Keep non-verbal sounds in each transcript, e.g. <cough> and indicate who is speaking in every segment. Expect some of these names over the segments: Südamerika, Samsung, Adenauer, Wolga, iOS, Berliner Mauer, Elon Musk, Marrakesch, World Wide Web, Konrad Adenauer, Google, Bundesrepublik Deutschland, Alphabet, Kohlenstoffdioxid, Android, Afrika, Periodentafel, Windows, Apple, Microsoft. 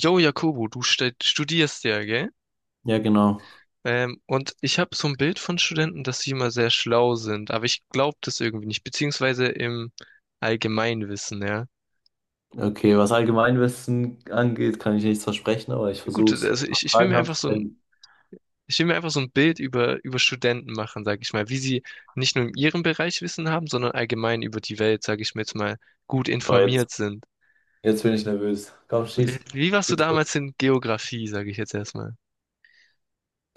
Speaker 1: Jo, Jakobo, du studierst ja, gell?
Speaker 2: Ja, genau.
Speaker 1: Und ich habe so ein Bild von Studenten, dass sie immer sehr schlau sind, aber ich glaube das irgendwie nicht, beziehungsweise im Allgemeinwissen, ja.
Speaker 2: Okay, was Allgemeinwissen angeht, kann ich nichts versprechen, aber ich
Speaker 1: Gut,
Speaker 2: versuche es. Wenn
Speaker 1: also
Speaker 2: du noch
Speaker 1: ich will
Speaker 2: Fragen
Speaker 1: mir einfach
Speaker 2: hast,
Speaker 1: so
Speaker 2: stell-
Speaker 1: ein, ich will mir einfach so ein Bild über Studenten machen, sage ich mal, wie sie nicht nur in ihrem Bereich Wissen haben, sondern allgemein über die Welt, sage ich mir jetzt mal, gut
Speaker 2: Oh,
Speaker 1: informiert sind.
Speaker 2: jetzt bin ich nervös. Komm,
Speaker 1: Wie, wie warst du
Speaker 2: schieß los.
Speaker 1: damals in Geografie, sage ich jetzt erstmal?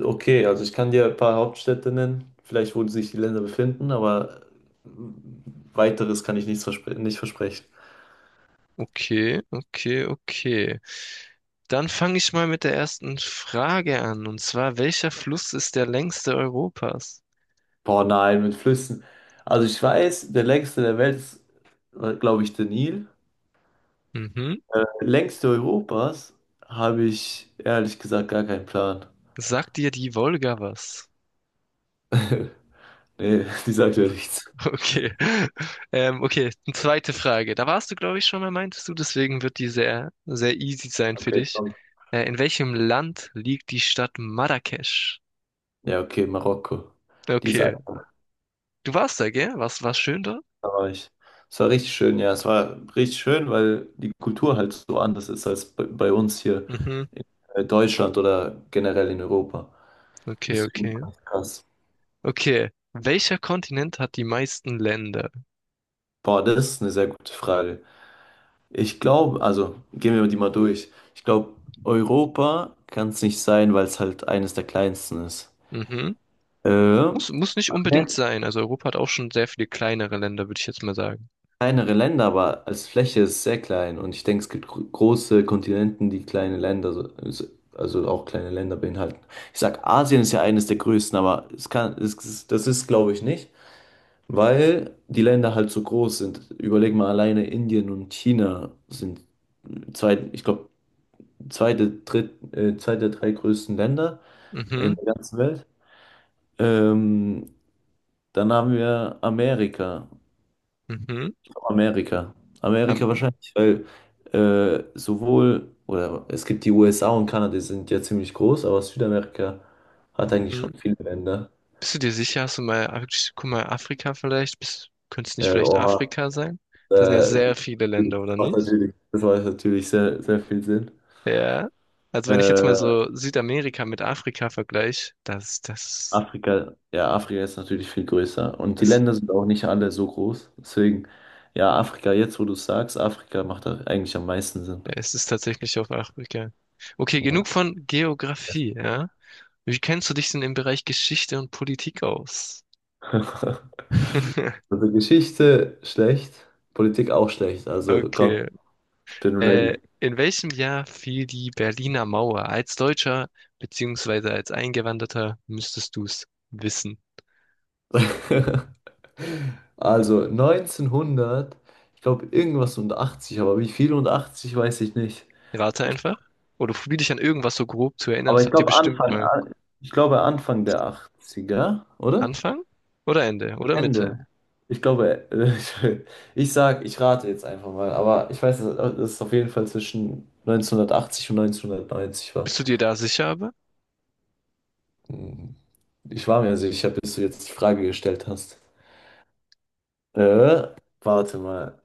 Speaker 2: Okay, also ich kann dir ein paar Hauptstädte nennen, vielleicht wo sich die Länder befinden, aber äh, weiteres kann ich nichts verspre nicht versprechen.
Speaker 1: Okay, okay, okay. Dann fange ich mal mit der ersten Frage an. Und zwar, welcher Fluss ist der längste Europas?
Speaker 2: Boah, nein, mit Flüssen. Also ich weiß, der längste der Welt ist, glaube ich, der Nil.
Speaker 1: Mhm.
Speaker 2: Längste Europas habe ich ehrlich gesagt gar keinen Plan.
Speaker 1: Sagt dir die Wolga was?
Speaker 2: <laughs> Nee, die sagt ja
Speaker 1: <laughs>
Speaker 2: nichts.
Speaker 1: Okay. Okay, eine zweite Frage. Da warst du, glaube ich, schon mal, meintest du, deswegen wird die sehr, sehr easy sein für
Speaker 2: Okay,
Speaker 1: dich.
Speaker 2: komm.
Speaker 1: In welchem Land liegt die Stadt Marrakesch?
Speaker 2: Ja, okay, Marokko. Die ist
Speaker 1: Okay.
Speaker 2: einfach,
Speaker 1: Du warst da, gell? Was, war schön da?
Speaker 2: da war ich. Es war richtig schön, ja, es war richtig schön, weil die Kultur halt so anders ist als bei uns hier
Speaker 1: Mhm.
Speaker 2: in Deutschland oder generell in Europa.
Speaker 1: Okay,
Speaker 2: Deswegen
Speaker 1: okay.
Speaker 2: fand ich krass.
Speaker 1: Okay. Welcher Kontinent hat die meisten Länder?
Speaker 2: Boah, das ist eine sehr gute Frage. Ich glaube, also gehen wir die mal durch. Ich glaube, Europa kann es nicht sein, weil es halt eines der kleinsten ist.
Speaker 1: Mhm.
Speaker 2: Äh,
Speaker 1: Muss nicht unbedingt sein. Also Europa hat auch schon sehr viele kleinere Länder, würde ich jetzt mal sagen.
Speaker 2: kleinere Länder, aber als Fläche ist es sehr klein. Und ich denke, es gibt große Kontinenten, die kleine Länder, also auch kleine Länder beinhalten. Ich sag, Asien ist ja eines der größten, aber es kann, es- das ist, glaube ich, nicht, weil die Länder halt so groß sind. Überleg mal, alleine Indien und China sind zwei, ich glaube, zwei der drei größten Länder in
Speaker 1: Mhm.
Speaker 2: der ganzen Welt. Ähm, dann haben wir Amerika.
Speaker 1: Mhm.
Speaker 2: Amerika.
Speaker 1: Am-
Speaker 2: Amerika wahrscheinlich, weil oder es gibt die USA und Kanada, die sind ja ziemlich groß, aber Südamerika hat eigentlich
Speaker 1: mhm.
Speaker 2: schon viele Länder.
Speaker 1: Bist du dir sicher? Hast du mal, guck mal, Afrika vielleicht? Bist, könnte es nicht
Speaker 2: Ja,
Speaker 1: vielleicht
Speaker 2: oha.
Speaker 1: Afrika sein? Da sind ja
Speaker 2: Äh,
Speaker 1: sehr viele
Speaker 2: das
Speaker 1: Länder, oder
Speaker 2: macht
Speaker 1: nicht?
Speaker 2: natürlich, sehr, sehr viel Sinn.
Speaker 1: Ja. Also wenn ich jetzt mal
Speaker 2: Äh,
Speaker 1: so Südamerika mit Afrika vergleiche, das, das,
Speaker 2: ja, Afrika ist natürlich viel größer und die
Speaker 1: das,
Speaker 2: Länder sind auch nicht alle so groß. Deswegen, ja, Afrika, jetzt wo du es sagst, Afrika macht da eigentlich am meisten Sinn.
Speaker 1: ja, es ist tatsächlich auf Afrika. Okay,
Speaker 2: Ja.
Speaker 1: genug von Geografie, ja? Wie kennst du dich denn im Bereich Geschichte und Politik aus?
Speaker 2: <laughs>
Speaker 1: <laughs>
Speaker 2: Also Geschichte schlecht, Politik auch schlecht. Also komm,
Speaker 1: Okay.
Speaker 2: ich bin
Speaker 1: Äh,
Speaker 2: ready.
Speaker 1: in welchem Jahr fiel die Berliner Mauer? Als Deutscher beziehungsweise als Eingewanderter müsstest du es wissen.
Speaker 2: <laughs> Also 1900, ich glaube irgendwas und 80, aber wie viel und 80 weiß ich nicht.
Speaker 1: Rate
Speaker 2: Ich,
Speaker 1: einfach. Oder probier dich an irgendwas so grob zu erinnern.
Speaker 2: aber
Speaker 1: Das habt ihr bestimmt mal.
Speaker 2: Ich glaube Anfang der 80er, oder?
Speaker 1: Anfang oder Ende oder Mitte?
Speaker 2: Ende. Ich glaube, <laughs> ich rate jetzt einfach mal, aber ich weiß, dass es auf jeden Fall zwischen 1980 und 1990 war.
Speaker 1: Bist du dir da sicher aber?
Speaker 2: Hm, Ich war mir sicher, bis du jetzt die Frage gestellt hast. Äh, warte mal.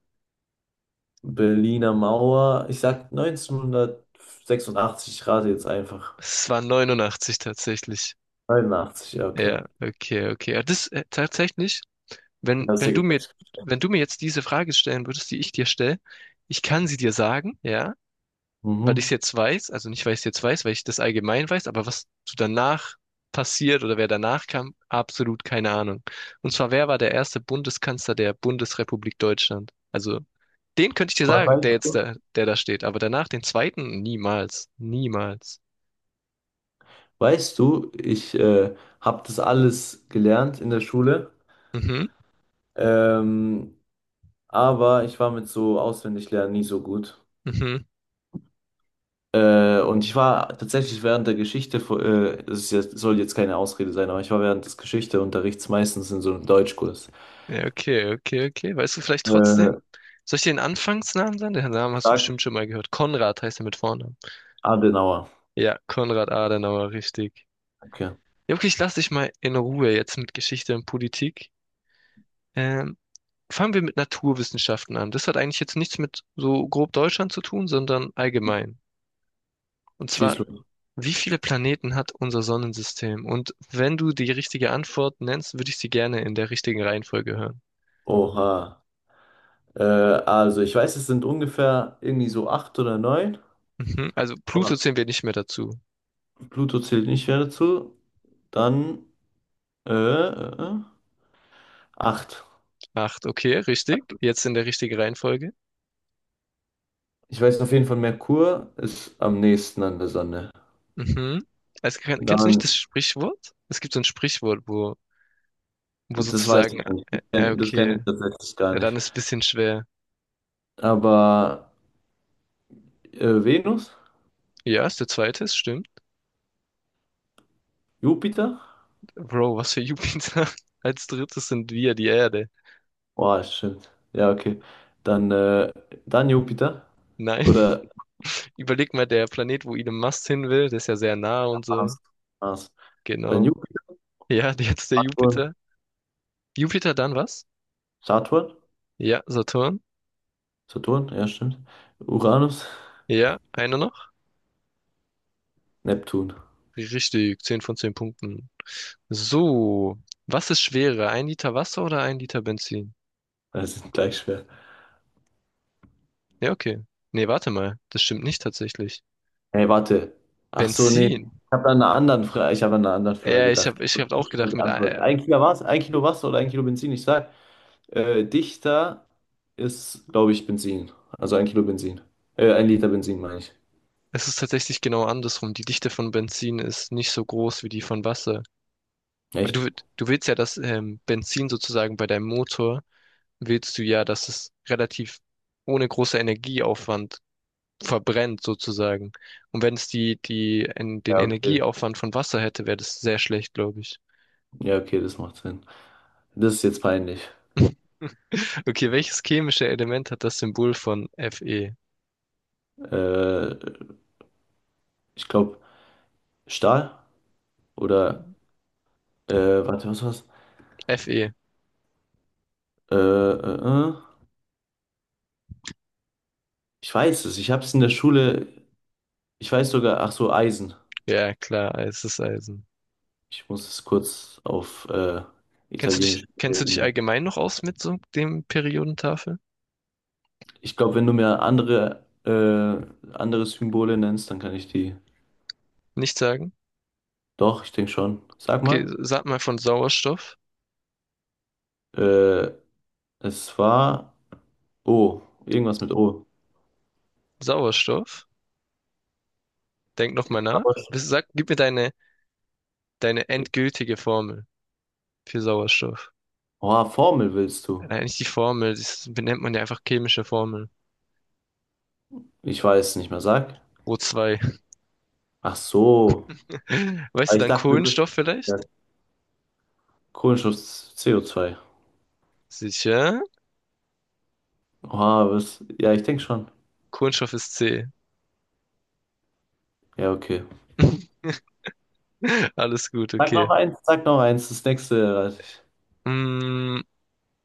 Speaker 2: Berliner Mauer. Ich sag 1986. Ich rate jetzt einfach.
Speaker 1: Es war 89 tatsächlich.
Speaker 2: 89, ja, okay.
Speaker 1: Ja, okay, okay. Ja, das tatsächlich,
Speaker 2: Ich
Speaker 1: wenn,
Speaker 2: hab's
Speaker 1: wenn
Speaker 2: dir
Speaker 1: du mir,
Speaker 2: gesagt.
Speaker 1: wenn du mir jetzt diese Frage stellen würdest, die ich dir stelle, ich kann sie dir sagen, ja, weil ich es
Speaker 2: Mhm.
Speaker 1: jetzt weiß, also nicht, weil ich es jetzt weiß, weil ich das allgemein weiß, aber was so danach passiert oder wer danach kam, absolut keine Ahnung. Und zwar, wer war der erste Bundeskanzler der Bundesrepublik Deutschland? Also, den könnte ich dir
Speaker 2: Boah,
Speaker 1: sagen,
Speaker 2: weißt
Speaker 1: der jetzt
Speaker 2: du,
Speaker 1: da, der da steht, aber danach den zweiten niemals, niemals.
Speaker 2: ich habe das alles gelernt in der Schule,
Speaker 1: Mhm,
Speaker 2: ähm, aber ich war mit so Auswendiglernen nie so gut.
Speaker 1: mhm.
Speaker 2: Und ich war tatsächlich während der Geschichte, das ist jetzt, soll jetzt keine Ausrede sein, aber ich war während des Geschichteunterrichts meistens in so einem Deutschkurs.
Speaker 1: Ja, okay, okay, okay. Weißt du vielleicht trotzdem?
Speaker 2: Äh,
Speaker 1: Soll ich dir den Anfangsnamen sagen? Den Namen hast du
Speaker 2: sag
Speaker 1: bestimmt schon mal gehört. Konrad heißt er mit Vornamen.
Speaker 2: Adenauer.
Speaker 1: Ja, Konrad Adenauer, richtig.
Speaker 2: Okay.
Speaker 1: Ja, wirklich, lass dich mal in Ruhe jetzt mit Geschichte und Politik. Ähm, Fangen wir mit Naturwissenschaften an. Das hat eigentlich jetzt nichts mit so grob Deutschland zu tun, sondern allgemein. Und
Speaker 2: Schieß
Speaker 1: zwar,
Speaker 2: los.
Speaker 1: wie viele Planeten hat unser Sonnensystem? Und wenn du die richtige Antwort nennst, würde ich sie gerne in der richtigen Reihenfolge hören.
Speaker 2: Oha. Also ich weiß, es sind ungefähr irgendwie so acht oder neun,
Speaker 1: Mhm. Also Pluto
Speaker 2: aber
Speaker 1: zählen wir nicht mehr dazu.
Speaker 2: Pluto zählt nicht mehr dazu. Dann äh, äh, äh, acht.
Speaker 1: Acht, okay, richtig. Jetzt in der richtigen Reihenfolge.
Speaker 2: Ich weiß auf jeden Fall, Merkur ist am nächsten an der Sonne.
Speaker 1: Mhm. Also, kennst du nicht
Speaker 2: Dann,
Speaker 1: das Sprichwort? Es gibt so ein Sprichwort, wo, wo
Speaker 2: das weiß
Speaker 1: sozusagen,
Speaker 2: ich nicht. Das kenn
Speaker 1: okay.
Speaker 2: ich tatsächlich gar
Speaker 1: Ja, dann
Speaker 2: nicht.
Speaker 1: ist es ein bisschen schwer.
Speaker 2: Aber Venus?
Speaker 1: Ja, ist der zweite, es stimmt.
Speaker 2: Jupiter?
Speaker 1: Bro, was für Jupiter? <laughs> Als drittes sind wir die Erde.
Speaker 2: Boah, stimmt. Ja, okay. Dann, äh, dann Jupiter.
Speaker 1: Nein,
Speaker 2: Oder
Speaker 1: <laughs> überleg mal, der Planet, wo Elon Musk hin will, der ist ja sehr nah und so.
Speaker 2: Mars. Mars. Dann
Speaker 1: Genau.
Speaker 2: Jupiter.
Speaker 1: Ja, <laughs> jetzt der Jupiter. Jupiter dann was?
Speaker 2: Saturn?
Speaker 1: Ja, Saturn.
Speaker 2: Saturn, ja, stimmt. Uranus?
Speaker 1: Ja, einer noch?
Speaker 2: Neptun.
Speaker 1: Richtig, 10 von 10 Punkten. So, was ist schwerer? Ein Liter Wasser oder ein Liter Benzin?
Speaker 2: Das ist gleich schwer.
Speaker 1: Ja, okay. Nee, warte mal, das stimmt nicht tatsächlich.
Speaker 2: Hey, warte. Ach so, nee.
Speaker 1: Benzin.
Speaker 2: Ich habe an einer anderen Frage
Speaker 1: Ja,
Speaker 2: gedacht.
Speaker 1: ich
Speaker 2: Ich
Speaker 1: hab auch
Speaker 2: hab schon
Speaker 1: gedacht, mit,
Speaker 2: geantwortet.
Speaker 1: ei-
Speaker 2: Ein Kilo was? Ein Kilo Wasser oder ein Kilo Benzin? Ich sag, dichter ist, glaube ich, Benzin. Also ein Kilo Benzin. Ein Liter Benzin, meine ich.
Speaker 1: Es ist tatsächlich genau andersrum. Die Dichte von Benzin ist nicht so groß wie die von Wasser. Weil
Speaker 2: Echt?
Speaker 1: du willst ja, dass Benzin sozusagen bei deinem Motor, willst du ja, dass es relativ ohne großer Energieaufwand verbrennt sozusagen. Und wenn es den
Speaker 2: Ja, okay.
Speaker 1: Energieaufwand von Wasser hätte, wäre das sehr schlecht, glaube ich. <laughs>
Speaker 2: Ja, okay, das macht Sinn. Das ist jetzt peinlich.
Speaker 1: Okay, welches chemische Element hat das Symbol von Fe?
Speaker 2: Äh, ich glaube, Stahl oder, äh, warte, was war's?
Speaker 1: Fe.
Speaker 2: Äh, äh, äh. Ich weiß es, ich habe es in der Schule, ich weiß sogar, ach so, Eisen.
Speaker 1: Ja, klar, es ist Eisen.
Speaker 2: Ich muss es kurz auf Italienisch
Speaker 1: Kennst du dich
Speaker 2: überlegen.
Speaker 1: allgemein noch aus mit so dem Periodentafel?
Speaker 2: Ich glaube, wenn du mir andere Symbole nennst, dann kann ich die.
Speaker 1: Nicht sagen?
Speaker 2: Doch, ich denke schon. Sag
Speaker 1: Okay,
Speaker 2: mal.
Speaker 1: sag mal von Sauerstoff.
Speaker 2: Äh, es war O, irgendwas mit O.
Speaker 1: Sauerstoff. Denk noch mal nach.
Speaker 2: Aber sch-
Speaker 1: Was- Sag, gib mir deine, deine endgültige Formel für Sauerstoff.
Speaker 2: Oh, Formel willst du?
Speaker 1: Nein, nicht die Formel, das benennt man ja einfach chemische Formel.
Speaker 2: Ich weiß nicht mehr, sag.
Speaker 1: O2.
Speaker 2: Ach so.
Speaker 1: <laughs> Weißt
Speaker 2: Aber
Speaker 1: du
Speaker 2: ich
Speaker 1: dann
Speaker 2: dachte, das
Speaker 1: Kohlenstoff
Speaker 2: ja.
Speaker 1: vielleicht?
Speaker 2: Kohlenstoff, CO2.
Speaker 1: Sicher.
Speaker 2: Oh, was? Ja, ich denke schon.
Speaker 1: Kohlenstoff ist C.
Speaker 2: Ja, okay.
Speaker 1: <laughs> Alles gut, okay.
Speaker 2: Sag noch eins, das nächste.
Speaker 1: Mm,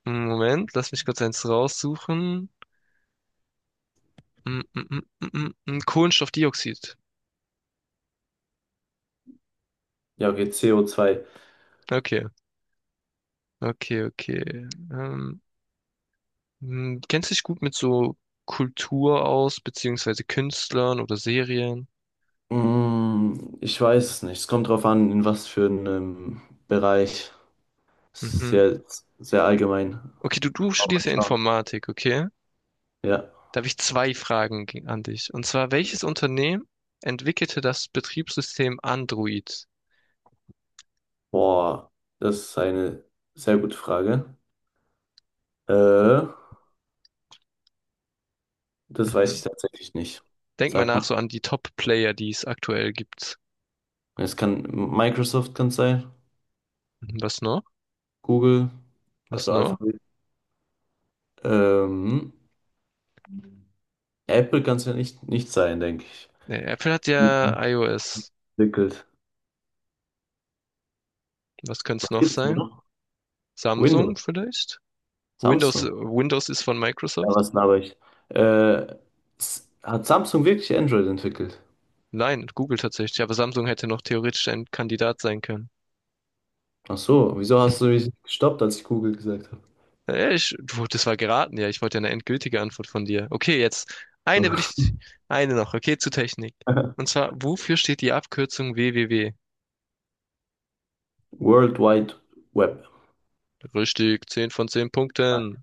Speaker 1: Moment, lass mich kurz eins raussuchen. Mm, mm, mm, mm, mm, mm, Kohlenstoffdioxid.
Speaker 2: Ja, okay, CO2.
Speaker 1: Okay, okay, okay. Hm, kennst du dich gut mit so Kultur aus, beziehungsweise Künstlern oder Serien?
Speaker 2: Ich weiß es nicht. Es kommt drauf an, in was für einem Bereich.
Speaker 1: Mhm.
Speaker 2: Sehr, sehr allgemein.
Speaker 1: Okay, du
Speaker 2: Aber mal
Speaker 1: studierst ja
Speaker 2: schauen.
Speaker 1: Informatik, okay?
Speaker 2: Ja.
Speaker 1: Da habe ich zwei Fragen ge- an dich. Und zwar, welches Unternehmen entwickelte das Betriebssystem Android?
Speaker 2: Boah, das ist eine sehr gute Frage. Äh, das weiß
Speaker 1: Mhm.
Speaker 2: ich tatsächlich nicht.
Speaker 1: Denk mal
Speaker 2: Sag
Speaker 1: nach
Speaker 2: mal.
Speaker 1: so an die Top-Player, die es aktuell gibt.
Speaker 2: Es kann Microsoft kann es sein,
Speaker 1: Mhm, was noch?
Speaker 2: Google,
Speaker 1: Was
Speaker 2: also
Speaker 1: noch?
Speaker 2: Alphabet. Ähm, Apple kann es ja nicht, nicht sein, denke ich.
Speaker 1: Nee, Apple hat ja
Speaker 2: Mhm.
Speaker 1: iOS.
Speaker 2: Entwickelt.
Speaker 1: Was könnte es
Speaker 2: Was
Speaker 1: noch
Speaker 2: gibt's denn
Speaker 1: sein?
Speaker 2: noch? Windows,
Speaker 1: Samsung vielleicht? Windows,
Speaker 2: Samsung.
Speaker 1: Windows ist von
Speaker 2: Ja,
Speaker 1: Microsoft.
Speaker 2: was laber ich? Äh, hat Samsung wirklich Android entwickelt?
Speaker 1: Nein, Google tatsächlich. Aber Samsung hätte noch theoretisch ein Kandidat sein können.
Speaker 2: Ach so, wieso hast du mich gestoppt, als ich Google gesagt
Speaker 1: Ich, du, das war geraten, ja. Ich wollte ja eine endgültige Antwort von dir. Okay, jetzt eine
Speaker 2: habe?
Speaker 1: würde ich, eine noch. Okay, zu Technik.
Speaker 2: <laughs>
Speaker 1: Und zwar, wofür steht die Abkürzung www?
Speaker 2: World Wide Web.
Speaker 1: Richtig, 10 von 10 Punkten.